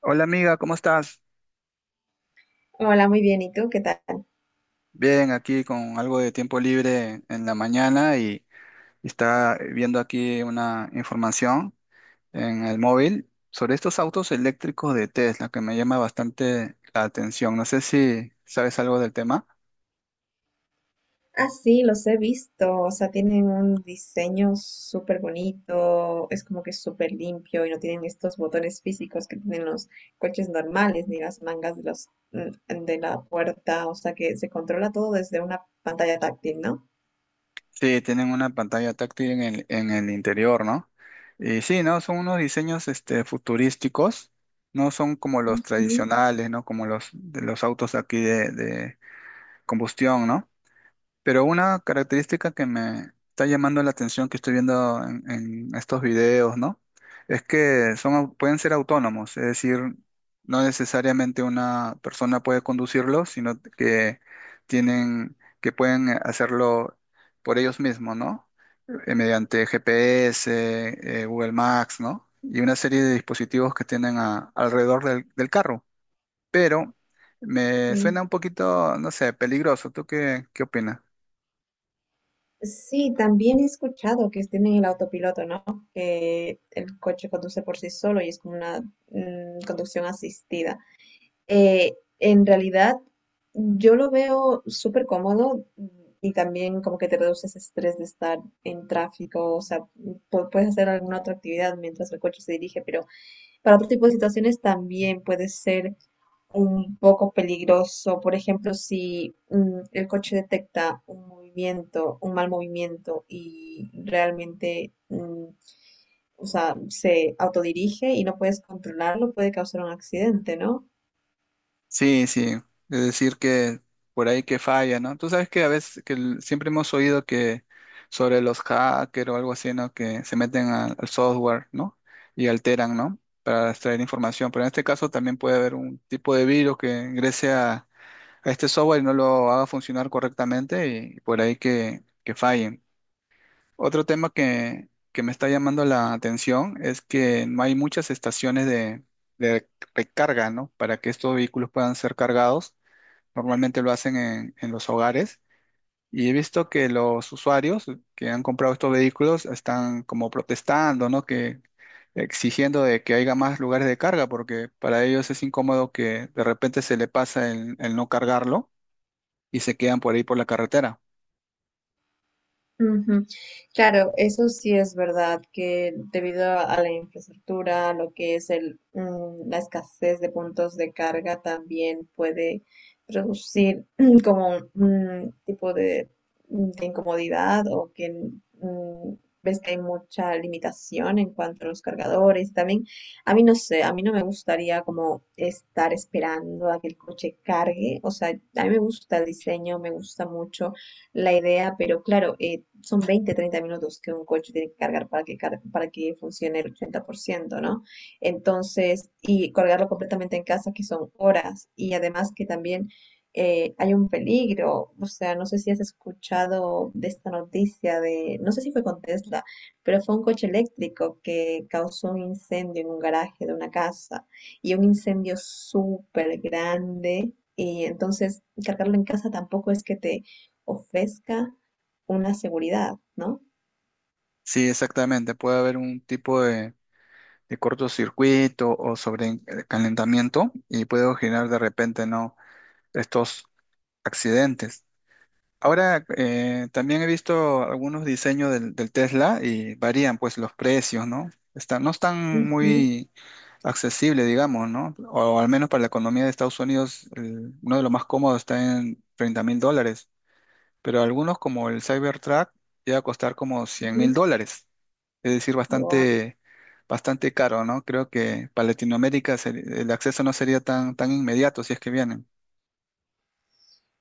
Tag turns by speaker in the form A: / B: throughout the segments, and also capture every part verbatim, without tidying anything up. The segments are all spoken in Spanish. A: Hola amiga, ¿cómo estás?
B: Hola, muy bien. ¿Y tú qué tal?
A: Bien, aquí con algo de tiempo libre en la mañana y, y está viendo aquí una información en el móvil sobre estos autos eléctricos de Tesla que me llama bastante la atención. No sé si sabes algo del tema.
B: Ah, sí, los he visto. O sea, tienen un diseño súper bonito. Es como que súper limpio y no tienen estos botones físicos que tienen los coches normales ni las mangas de los mm, de la puerta. O sea, que se controla todo desde una pantalla táctil, ¿no?
A: Sí, tienen una pantalla táctil en el, en el interior, ¿no? Y sí, ¿no? Son unos diseños este, futurísticos, no son como los
B: Ujú,
A: tradicionales, ¿no? Como los de los autos aquí de, de combustión, ¿no? Pero una característica que me está llamando la atención que estoy viendo en, en estos videos, ¿no? Es que son, au- pueden ser autónomos, es decir, no necesariamente una persona puede conducirlos, sino que tienen, que pueden eh, hacerlo por ellos mismos, ¿no? Eh, mediante G P S, eh, Google Maps, ¿no? Y una serie de dispositivos que tienen a- alrededor del del carro. Pero me suena
B: sí.
A: un poquito, no sé, peligroso. ¿Tú qué, qué opinas?
B: Sí, también he escuchado que tienen el autopiloto, ¿no? Que el coche conduce por sí solo y es como una mm, conducción asistida. Eh, en realidad, yo lo veo súper cómodo mm, y también como que te reduce ese estrés de estar en tráfico, o sea, pu- puedes hacer alguna otra actividad mientras el coche se dirige, pero para otro tipo de situaciones también puede ser un poco peligroso. Por ejemplo, si mm, el coche detecta un movimiento, un mal movimiento y realmente... mm, o sea, se autodirige y no puedes controlarlo, puede causar un accidente, ¿no?
A: Sí, sí, es decir que por ahí que falla, ¿no? Tú sabes que a veces que el- siempre hemos oído que sobre los hackers o algo así, ¿no? Que se meten al, al software, ¿no? Y alteran, ¿no? Para extraer información. Pero en este caso también puede haber un tipo de virus que ingrese a, a este software y no lo haga funcionar correctamente y por ahí que, que fallen. Otro tema que, que me está llamando la atención es que no hay muchas estaciones de, de recarga, ¿no? Para que estos vehículos puedan ser cargados. Normalmente lo hacen en, en los hogares. Y he visto que los usuarios que han comprado estos vehículos están como protestando, ¿no? Que exigiendo de que haya más lugares de carga, porque para ellos es incómodo que de repente se le pasa el, el no cargarlo y se quedan por ahí por la carretera.
B: Ujú. Claro, eso sí es verdad que debido a a la infraestructura, lo que es el, mm, la escasez de puntos de carga también puede producir como un tipo de, de incomodidad o que mm, ves que hay mucha limitación en cuanto a los cargadores. También, a mí no sé, a mí no me gustaría como estar esperando a que el coche cargue. O sea, a mí me gusta el diseño, me gusta mucho la idea, pero claro, eh, son veinte, treinta minutos que un coche tiene que cargar para que, car- para que funcione el ochenta por ciento, ¿no? Entonces, y cargarlo completamente en casa, que son horas, y además que también eh, hay un peligro, o sea, no sé si has escuchado de esta noticia de, no sé si fue con Tesla, pero fue un coche eléctrico que causó un incendio en un garaje de una casa y un incendio súper grande. Y entonces cargarlo en casa tampoco es que te ofrezca una seguridad, ¿no?
A: Sí, exactamente. Puede haber un tipo de, de cortocircuito o sobrecalentamiento y puede generar de repente, ¿no? Estos accidentes. Ahora eh, también he visto algunos diseños del, del Tesla y varían pues los precios, ¿no? Están, no están
B: Ujú,
A: muy accesibles, digamos, ¿no? O al menos para la economía de Estados Unidos, el- uno de los más cómodos está en treinta mil dólares, pero algunos como el Cybertruck llega a costar como cien mil
B: ujú.
A: dólares, es decir,
B: Wow,
A: bastante, bastante caro, ¿no? Creo que para Latinoamérica se- el acceso no sería tan, tan inmediato si es que vienen.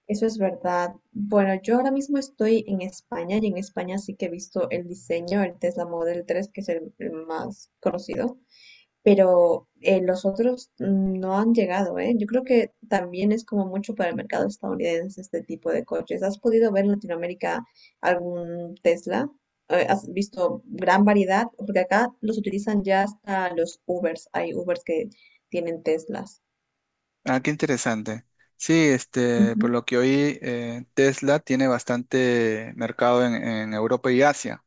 B: eso es verdad. Bueno, yo ahora mismo estoy en España y en España sí que he visto el diseño, el Tesla Model tres, que es el el más conocido. Pero eh, los otros no han llegado, ¿eh? Yo creo que también es como mucho para el mercado estadounidense este tipo de coches. ¿Has podido ver en Latinoamérica algún Tesla? Eh, ¿Has visto gran variedad? Porque acá los utilizan ya hasta los Ubers. Hay Ubers que tienen Teslas.
A: Ah, qué interesante. Sí, este, por
B: Ujú,
A: lo que oí, eh, Tesla tiene bastante mercado en, en Europa y Asia.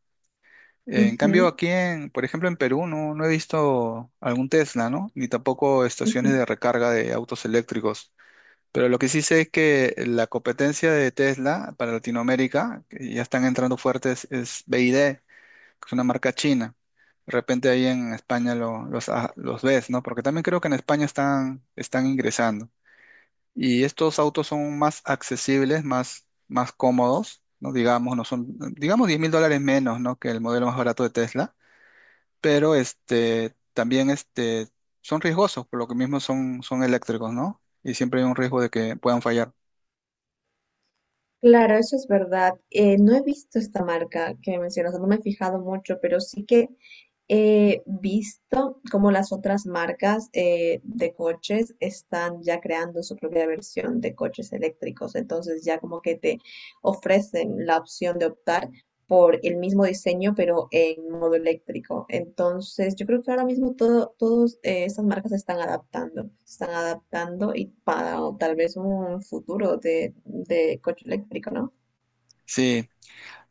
A: En cambio,
B: ujú,
A: aquí en, por ejemplo, en Perú no, no he visto algún Tesla, ¿no? Ni tampoco estaciones de
B: ujú.
A: recarga de autos eléctricos. Pero lo que sí sé es que la competencia de Tesla para Latinoamérica, que ya están entrando fuertes, es B Y D, que es una marca china. De repente ahí en España lo- los, ah, los ves, ¿no? Porque también creo que en España están, están ingresando. Y estos autos son más accesibles, más, más cómodos, ¿no? Digamos, no son, digamos diez mil dólares menos, ¿no?, que el modelo más barato de Tesla, pero este, también este, son riesgosos, por lo que mismo son, son eléctricos, ¿no? Y siempre hay un riesgo de que puedan fallar.
B: Claro, eso es verdad. Eh, no he visto esta marca que mencionas, no me he fijado mucho, pero sí que he visto cómo las otras marcas eh, de coches están ya creando su propia versión de coches eléctricos. Entonces ya como que te ofrecen la opción de optar por el mismo diseño, pero en modo eléctrico. Entonces, yo creo que ahora mismo todo, todas estas marcas se están adaptando, se están adaptando y para tal vez un futuro de, de coche eléctrico, ¿no?
A: Sí,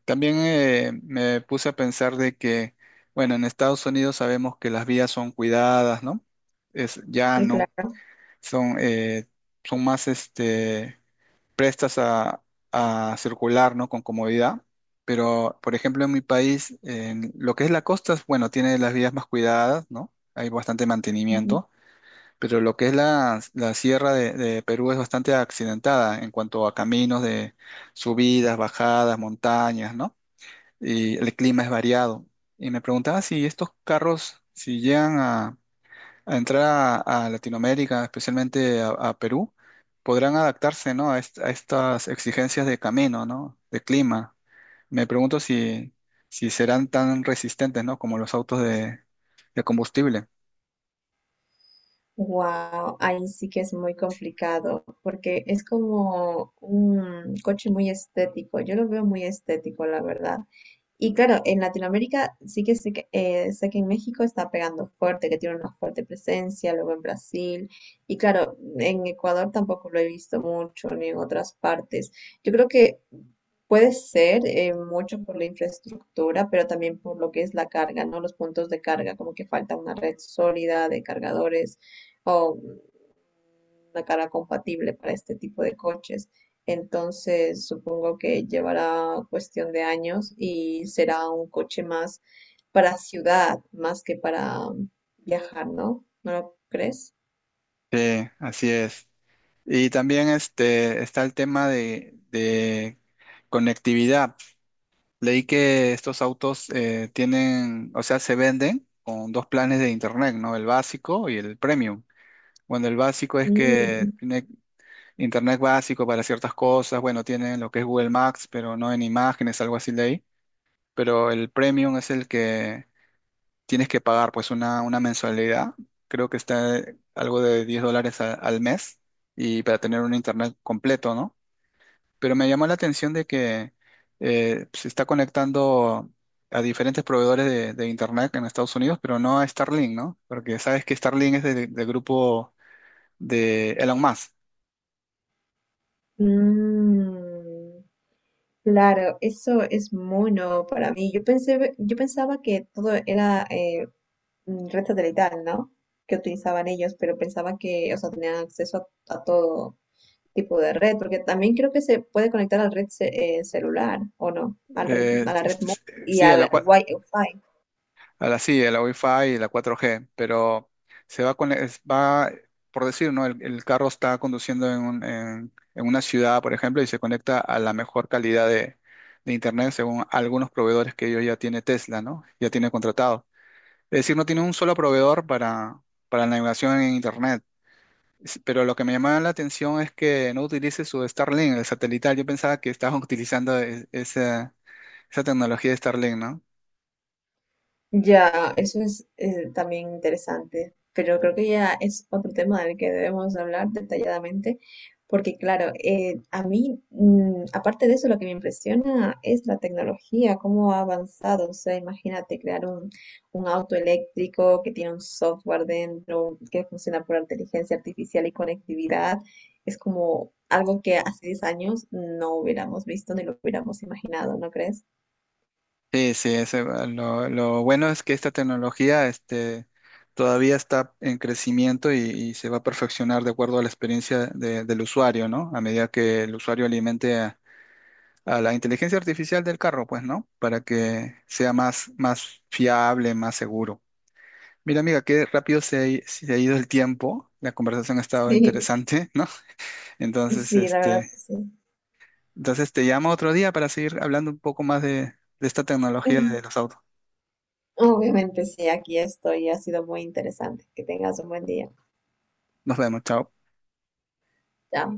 A: también eh, me puse a pensar de que, bueno, en Estados Unidos sabemos que las vías son cuidadas, ¿no? Es llano,
B: Claro.
A: son, eh, son más este, prestas a, a circular, ¿no? Con comodidad. Pero, por ejemplo, en mi país, en lo que es la costa, bueno, tiene las vías más cuidadas, ¿no? Hay bastante mantenimiento, pero lo que es la, la sierra de, de Perú es bastante accidentada en cuanto a caminos de subidas, bajadas, montañas, ¿no? Y el clima es variado. Y me preguntaba si estos carros, si llegan a a entrar a, a Latinoamérica, especialmente a, a Perú, podrán adaptarse, ¿no?, a, est- a estas exigencias de camino, ¿no? De clima. Me pregunto si, si serán tan resistentes, ¿no? Como los autos de, de combustible.
B: Wow, ahí sí que es muy complicado porque es como un coche muy estético. Yo lo veo muy estético, la verdad. Y claro, en Latinoamérica sí que sé que, eh, sé que en México está pegando fuerte, que tiene una fuerte presencia, luego en Brasil. Y claro, en Ecuador tampoco lo he visto mucho, ni en otras partes. Yo creo que puede ser eh, mucho por la infraestructura, pero también por lo que es la carga, ¿no? Los puntos de carga, como que falta una red sólida de cargadores o una cara compatible para este tipo de coches. Entonces, supongo que llevará cuestión de años y será un coche más para ciudad, más que para viajar, ¿no? ¿No lo crees?
A: Sí, así es. Y también este, está el tema de, de conectividad. Leí que estos autos eh, tienen, o sea, se venden con dos planes de internet, ¿no? El básico y el premium. Bueno, el básico es que
B: Mm,
A: tiene internet básico para ciertas cosas. Bueno, tienen lo que es Google Maps, pero no en imágenes, algo así leí. Pero el premium es el que tienes que pagar, pues una, una mensualidad. Creo que está algo de diez dólares a- al mes y para tener un internet completo, ¿no? Pero me llamó la atención de que eh, se está conectando a diferentes proveedores de, de internet en Estados Unidos, pero no a Starlink, ¿no? Porque sabes que Starlink es del del grupo de Elon Musk.
B: mm, claro, eso es mono para mí. Yo pensé, yo pensaba que todo era eh, mm, red satelital, ¿no? Que utilizaban ellos, pero pensaba que, o sea, tenían acceso a, a todo tipo de red, porque también creo que se puede conectar a la red ce- eh, celular, ¿o no? Al red-
A: Eh,
B: a la red
A: es- es-
B: móvil y
A: sí, a la,
B: al
A: cual
B: Wi-Fi.
A: a la sí, a la Wi-Fi y la cuatro G, pero se va con, es- va, por decir, ¿no? El, el carro está conduciendo en, un- en- en una ciudad, por ejemplo, y se conecta a la mejor calidad de, de internet según algunos proveedores que ellos ya tiene Tesla, ¿no? Ya tiene contratado. Es decir, no tiene un solo proveedor para, para la navegación en internet. Es- Pero lo que me llamaba la atención es que no utilice su Starlink, el satelital. Yo pensaba que estaban utilizando e- esa, esa tecnología de Starlink, no.
B: Ya, eso es eh, también interesante, pero creo que ya es otro tema del que debemos hablar detalladamente, porque claro, eh, a mí, mm, aparte de eso, lo que me impresiona es la tecnología, cómo ha avanzado. O sea, imagínate crear un, un auto eléctrico que tiene un software dentro, que funciona por inteligencia artificial y conectividad. Es como algo que hace diez años no hubiéramos visto ni lo hubiéramos imaginado, ¿no crees?
A: Sí, sí, ese va- lo, lo bueno es que esta tecnología este, todavía está en crecimiento y, y se va a perfeccionar de acuerdo a la experiencia de- del usuario, ¿no? A medida que el usuario alimente a, a la inteligencia artificial del carro, pues, ¿no? Para que sea más, más fiable, más seguro. Mira, amiga, qué rápido se ha, i- se ha ido el tiempo. La conversación ha estado
B: Sí,
A: interesante, ¿no? Entonces,
B: Sí, la verdad
A: este,
B: que sí.
A: entonces te llamo otro día para seguir hablando un poco más de, de esta tecnología de los autos.
B: Obviamente sí, aquí estoy. Ha sido muy interesante. Que tengas un buen día.
A: Nos vemos, chao.
B: Chao.